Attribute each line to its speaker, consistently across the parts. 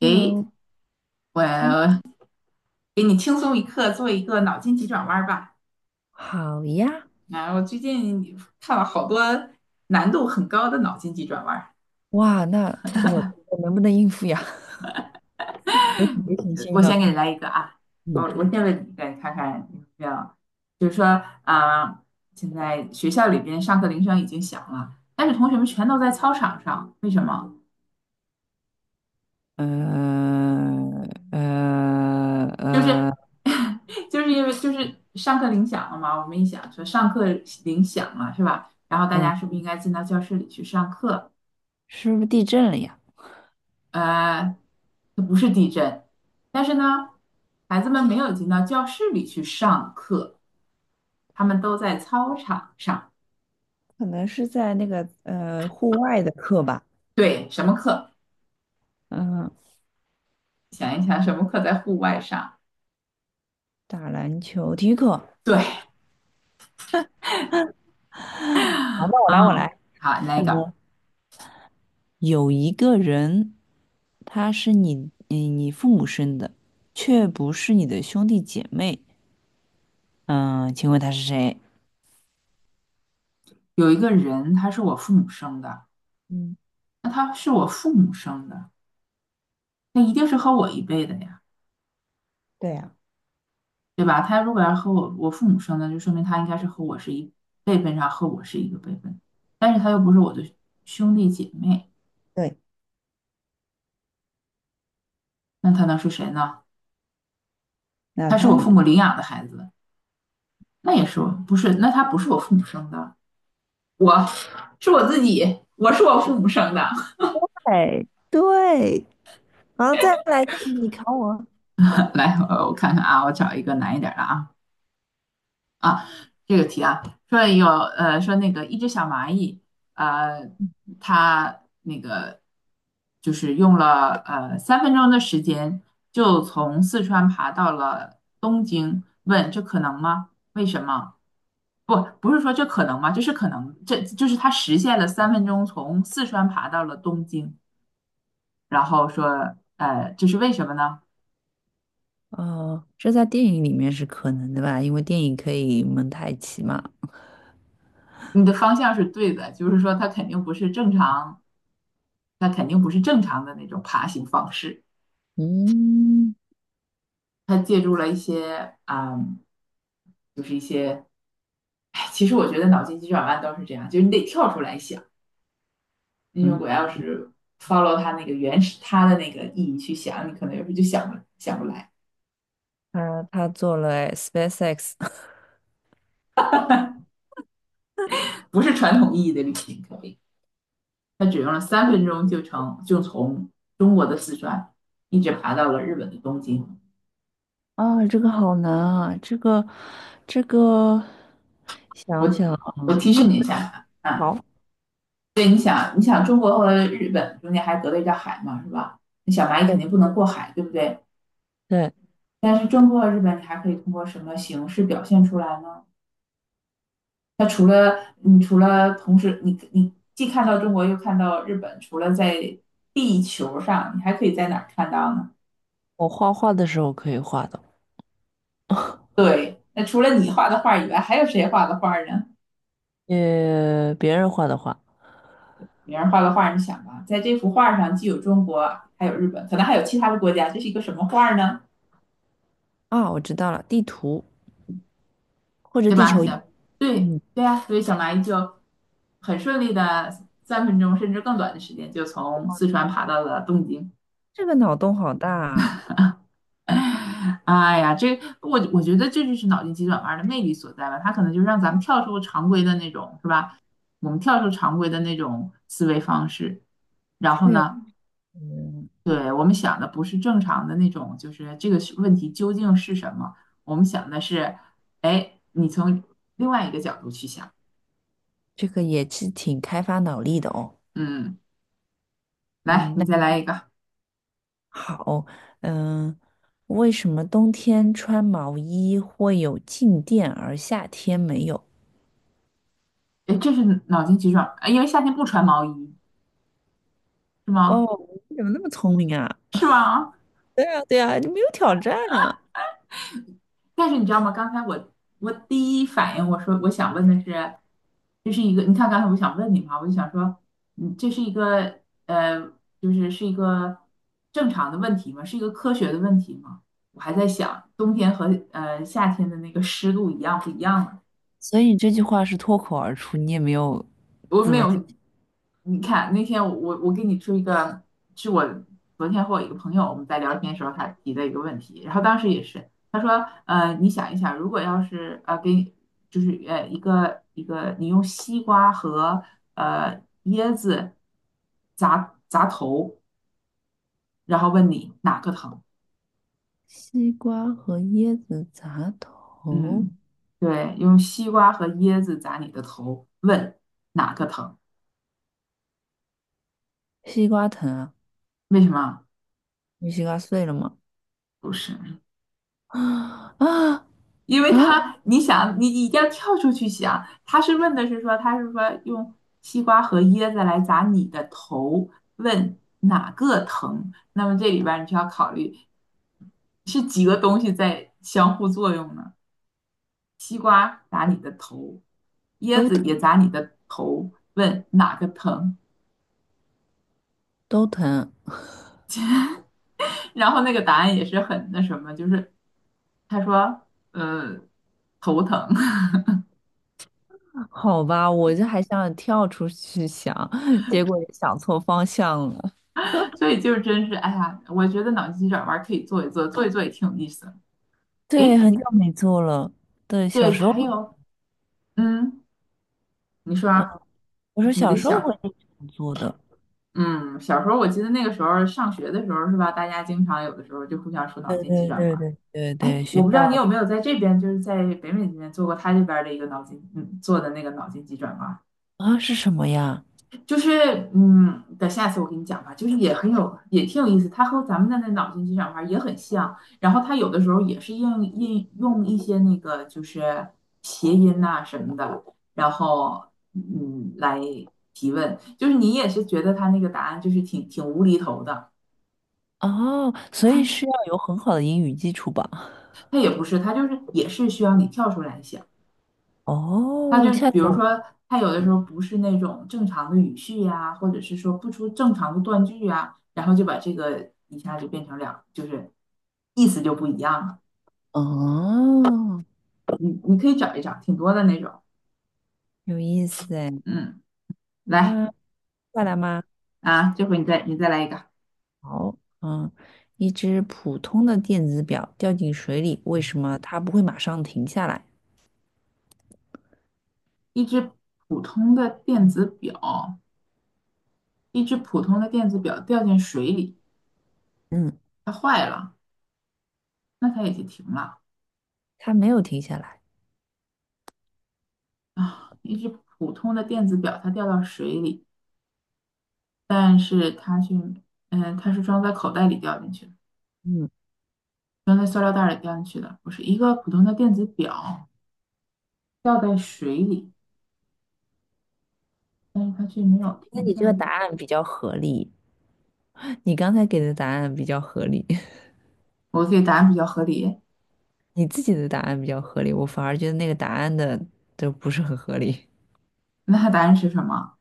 Speaker 1: 诶，
Speaker 2: Hello。嗯，
Speaker 1: 我给你轻松一刻，做一个脑筋急转弯儿吧。
Speaker 2: 好呀。
Speaker 1: 啊，我最近看了好多难度很高的脑筋急转弯儿。
Speaker 2: 哇，那我能不能应付呀？有准备信心
Speaker 1: 我先
Speaker 2: 呢？
Speaker 1: 给你来一个啊，我
Speaker 2: 嗯。
Speaker 1: 我先问你一个，你看看你要不要？就是说啊，现在学校里边上课铃声已经响了，但是同学们全都在操场上，为什么？
Speaker 2: 呃呃
Speaker 1: 就是
Speaker 2: 呃，
Speaker 1: 就是因为就是上课铃响了嘛。我们一想说上课铃响了是吧？然后大
Speaker 2: 嗯，
Speaker 1: 家是不是应该进到教室里去上课？
Speaker 2: 是不是地震了呀？
Speaker 1: 呃，这不是地震，但是呢，孩子们没有进到教室里去上课，他们都在操场上。
Speaker 2: 可能是在那个户外的课吧。
Speaker 1: 对，什么课？
Speaker 2: 嗯，
Speaker 1: 想一想，什么课在户外上？
Speaker 2: 打篮球体育课。
Speaker 1: 对，
Speaker 2: 好，那我来，我
Speaker 1: 嗯，
Speaker 2: 来。
Speaker 1: 好，那
Speaker 2: 嗯，
Speaker 1: 个
Speaker 2: 有一个人，他是你，嗯，你父母生的，却不是你的兄弟姐妹。嗯，请问他是谁？
Speaker 1: 有一个人，他是我父母生的，
Speaker 2: 嗯，
Speaker 1: 那他是我父母生的，那一定是和我一辈的呀，
Speaker 2: 对呀。
Speaker 1: 对吧？他如果要和我父母生的，就说明他应该是和我是一辈分上和我是一个辈分，但是他又不是我的兄弟姐妹，
Speaker 2: 对。
Speaker 1: 那他能是谁呢？
Speaker 2: 那
Speaker 1: 他是
Speaker 2: 他
Speaker 1: 我父母领养的孩子，那也是我不是？那他不是我父母生的，我是我自己，我是我父母生的。
Speaker 2: 哎，对，然后再来看你考我。
Speaker 1: 来，我看看啊，我找一个难一点的啊啊，这个题啊，说说那个一只小蚂蚁，呃，它那个就是用了三分钟的时间，就从四川爬到了东京，问这可能吗？为什么？不，不是说这可能吗？这是可能，这就是他实现了三分钟从四川爬到了东京，然后说，这是为什么呢？
Speaker 2: 哦，这在电影里面是可能的吧？因为电影可以蒙太奇嘛。
Speaker 1: 你的方向是对的，就是说他肯定不是正常，他肯定不是正常的那种爬行方式，
Speaker 2: 嗯
Speaker 1: 他借助了一些，就是一些，哎，其实我觉得脑筋急转弯都是这样，就是你得跳出来想，你如
Speaker 2: 嗯，
Speaker 1: 果要是 follow 他那个原始他的那个意义去想，你可能有时候就想不想不来，
Speaker 2: 他做了哎 SpaceX
Speaker 1: 不是传统意义的旅行可以。他只用了三分钟就从中国的四川一直爬到了日本的东京。
Speaker 2: 啊，这个好难啊，这个 想
Speaker 1: 我
Speaker 2: 想啊。
Speaker 1: 我提
Speaker 2: 你有
Speaker 1: 示你一下啊，啊
Speaker 2: 好。
Speaker 1: 对，你想中国和日本中间还隔了一条海嘛，是吧？那小蚂蚁肯定不能过海，对不对？
Speaker 2: 对，
Speaker 1: 但是中国和日本，你还可以通过什么形式表现出来呢？那除了同时你既看到中国又看到日本，除了在地球上，你还可以在哪儿看到呢？
Speaker 2: 我画画的时候可以画的。
Speaker 1: 对，那除了你画的画以外，还有谁画的画呢？
Speaker 2: 别人画的画。
Speaker 1: 别人画个画，你想吧，在这幅画上既有中国，还有日本，可能还有其他的国家，这是一个什么画呢？
Speaker 2: 啊，我知道了，地图或者
Speaker 1: 对
Speaker 2: 地
Speaker 1: 吧？
Speaker 2: 球仪。
Speaker 1: 行，对
Speaker 2: 嗯，
Speaker 1: 对呀、所以小蚂蚁就很顺利的三分钟甚至更短的时间，就从四川爬到了东京。
Speaker 2: 这个脑洞好大啊。
Speaker 1: 哎呀，我觉得这就是脑筋急转弯的魅力所在吧，它可能就让咱们跳出常规的那种，是吧？我们跳出常规的那种思维方式，然
Speaker 2: 确
Speaker 1: 后呢，
Speaker 2: 实，
Speaker 1: 对，我们想的不是正常的那种，就是这个是问题究竟是什么？我们想的是，哎，你从另外一个角度去想，
Speaker 2: 这个也是挺开发脑力的哦。
Speaker 1: 嗯，来，
Speaker 2: 嗯，
Speaker 1: 你
Speaker 2: 那
Speaker 1: 再来一个，
Speaker 2: 好。嗯，为什么冬天穿毛衣会有静电，而夏天没有？
Speaker 1: 哎，这是脑筋急转弯，哎因为夏天不穿毛衣是吗？
Speaker 2: 哦，你怎么那么聪明啊？
Speaker 1: 是吗？
Speaker 2: 对啊，对啊，你没有挑战啊。
Speaker 1: 但是你知道吗？刚才我第一反应我说我想问的是，这是一个你看刚才我想问你嘛，我就想说，这是一个呃，就是是一个正常的问题吗？是一个科学的问题吗？我还在想冬天和夏天的那个湿度一样不一样呢？
Speaker 2: 所以你这句话是脱口而出，你也没有
Speaker 1: 我
Speaker 2: 怎
Speaker 1: 没
Speaker 2: 么。
Speaker 1: 有，你看那天我给你出一个，是我昨天和我一个朋友我们在聊天的时候他提的一个问题，然后当时也是他说，你想一想，如果要是给你就是一个你用西瓜和椰子砸砸头，然后问你哪个疼？
Speaker 2: 西瓜和椰子砸头，
Speaker 1: 嗯，对，用西瓜和椰子砸你的头，问哪个疼？
Speaker 2: 西瓜疼啊？
Speaker 1: 为什么？
Speaker 2: 你西瓜碎了吗？
Speaker 1: 不是。
Speaker 2: 啊啊
Speaker 1: 因为
Speaker 2: 啊！
Speaker 1: 他，你想，你一定要跳出去想，他是说用西瓜和椰子来砸你的头，问哪个疼？那么这里边儿你就要考虑是几个东西在相互作用呢？西瓜砸你的头，椰
Speaker 2: 都
Speaker 1: 子
Speaker 2: 疼，
Speaker 1: 也砸你的头，问哪个疼？
Speaker 2: 都疼。
Speaker 1: 然后那个答案也是很那什么，就是他说，呃，头疼。
Speaker 2: 好吧，我这还想跳出去想，结果也想错方向了。
Speaker 1: 所以就真是，哎呀，我觉得脑筋急转弯可以做一做，做一做也挺有意思的。
Speaker 2: 对，
Speaker 1: 诶，
Speaker 2: 很久没做了。对，小
Speaker 1: 对，
Speaker 2: 时候，
Speaker 1: 还有，嗯，你说啊
Speaker 2: 我说
Speaker 1: 你
Speaker 2: 小
Speaker 1: 的
Speaker 2: 时候会
Speaker 1: 小，
Speaker 2: 经常做的。
Speaker 1: 嗯，小时候我记得那个时候上学的时候是吧，大家经常有的时候就互相说脑
Speaker 2: 对
Speaker 1: 筋急
Speaker 2: 对
Speaker 1: 转
Speaker 2: 对
Speaker 1: 弯。
Speaker 2: 对对
Speaker 1: 哎，
Speaker 2: 对，
Speaker 1: 我不知道你有没有在这边，就是在北美这边做过他这边的一个脑筋，做的那个脑筋急转弯。
Speaker 2: 啊是什么呀？
Speaker 1: 就是等下次我给你讲吧，就是也很有，也挺有意思。它和咱们的那脑筋急转弯儿也很像，然后它有的时候也是应用一些那个就是谐音呐、什么的，然后来提问，就是你也是觉得它那个答案就是挺无厘头的，
Speaker 2: 哦，所以是
Speaker 1: 它
Speaker 2: 要有很好的英语基础吧？
Speaker 1: 它也不是，它就是也是需要你跳出来想。他
Speaker 2: 哦，
Speaker 1: 就
Speaker 2: 下
Speaker 1: 比
Speaker 2: 次
Speaker 1: 如
Speaker 2: 我
Speaker 1: 说，他有的时候不是那种正常的语序呀、或者是说不出正常的断句呀，然后就把这个一下就变成两，就是意思就不一样了。
Speaker 2: 哦，
Speaker 1: 你可以找一找，挺多的那种。
Speaker 2: 有意思哎。
Speaker 1: 嗯，来
Speaker 2: 啊，再来吗？
Speaker 1: 啊，这回你再来一个，
Speaker 2: 好，嗯，一只普通的电子表掉进水里，为什么它不会马上停下来？
Speaker 1: 一只普通的电子表，一只普通的电子表掉进水里，
Speaker 2: 嗯。
Speaker 1: 它坏了，那它也就停了
Speaker 2: 他没有停下来。
Speaker 1: 啊。一只普通的电子表，它掉到水里，但是它却，它是装在口袋里掉进去的。
Speaker 2: 嗯，
Speaker 1: 装在塑料袋里掉进去的，不是一个普通的电子表掉在水里，但是它却没有
Speaker 2: 那
Speaker 1: 停
Speaker 2: 你
Speaker 1: 下
Speaker 2: 这个
Speaker 1: 来。
Speaker 2: 答案比较合理，你刚才给的答案比较合理，
Speaker 1: 我自己答案比较合理，
Speaker 2: 你自己的答案比较合理，我反而觉得那个答案的都不是很合理。
Speaker 1: 那它答案是什么？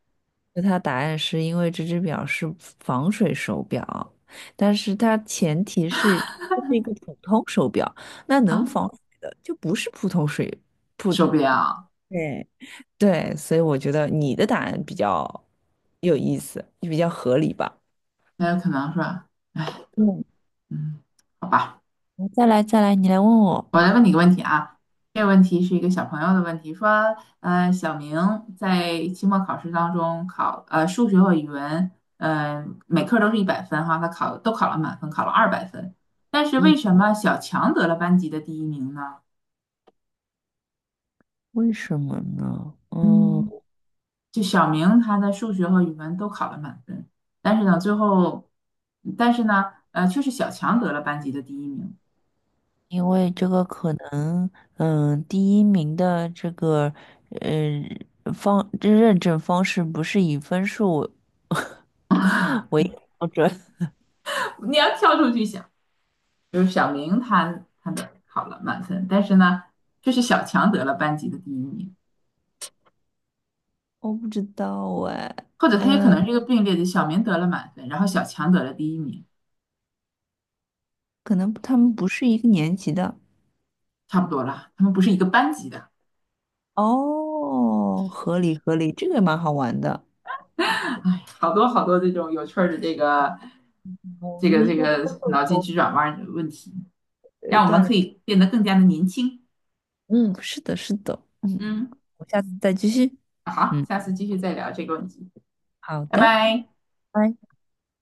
Speaker 2: 那他答案是因为这只表是防水手表，但是它前提是这是一个普通手表，那能
Speaker 1: 啊，
Speaker 2: 防水的就不是普通水普，
Speaker 1: 手表。
Speaker 2: 对，对，所以我觉得你的答案比较有意思，就比较合理吧。
Speaker 1: 那有可能是吧，
Speaker 2: 嗯，
Speaker 1: 嗯，好吧，
Speaker 2: 再来再来，你来问我。
Speaker 1: 我来问你个问题啊。这个问题是一个小朋友的问题，说，小明在期末考试当中考，数学和语文，每科都是100分哈，他考都考了满分，考了200分，但是为
Speaker 2: 嗯。
Speaker 1: 什么小强得了班级的第一名呢？
Speaker 2: 为什么呢？嗯，
Speaker 1: 嗯。就小明他的数学和语文都考了满分，但是呢，最后，但是呢，却是小强得了班级的第一名。
Speaker 2: 因为这个可能，嗯，第一名的这个，呃，认证方式不是以分数为标准。
Speaker 1: 你要跳出去想，就是小明他的考了满分，但是呢，却是小强得了班级的第一名，
Speaker 2: 我不知道哎。
Speaker 1: 或者他也可
Speaker 2: 呃，
Speaker 1: 能是一个并列的，小明得了满分，然后小强得了第一名，
Speaker 2: 可能他们不是一个年级的。
Speaker 1: 差不多了，他们不是一个班级的，
Speaker 2: 哦，合理合理，这个也蛮好玩的。
Speaker 1: 好多好多这种有趣儿的这个
Speaker 2: 我
Speaker 1: 这个
Speaker 2: 们应
Speaker 1: 这
Speaker 2: 该
Speaker 1: 个
Speaker 2: 多做
Speaker 1: 脑筋
Speaker 2: 做，
Speaker 1: 急转弯儿的问题，
Speaker 2: 对，
Speaker 1: 让我们
Speaker 2: 锻
Speaker 1: 可
Speaker 2: 炼。
Speaker 1: 以变得更加的年轻。
Speaker 2: 嗯，是的，是的。嗯，
Speaker 1: 嗯。
Speaker 2: 我下次再继续。
Speaker 1: 好，
Speaker 2: 嗯，
Speaker 1: 下次继续再聊这个问题，
Speaker 2: 好
Speaker 1: 拜
Speaker 2: 的。
Speaker 1: 拜。
Speaker 2: 拜拜。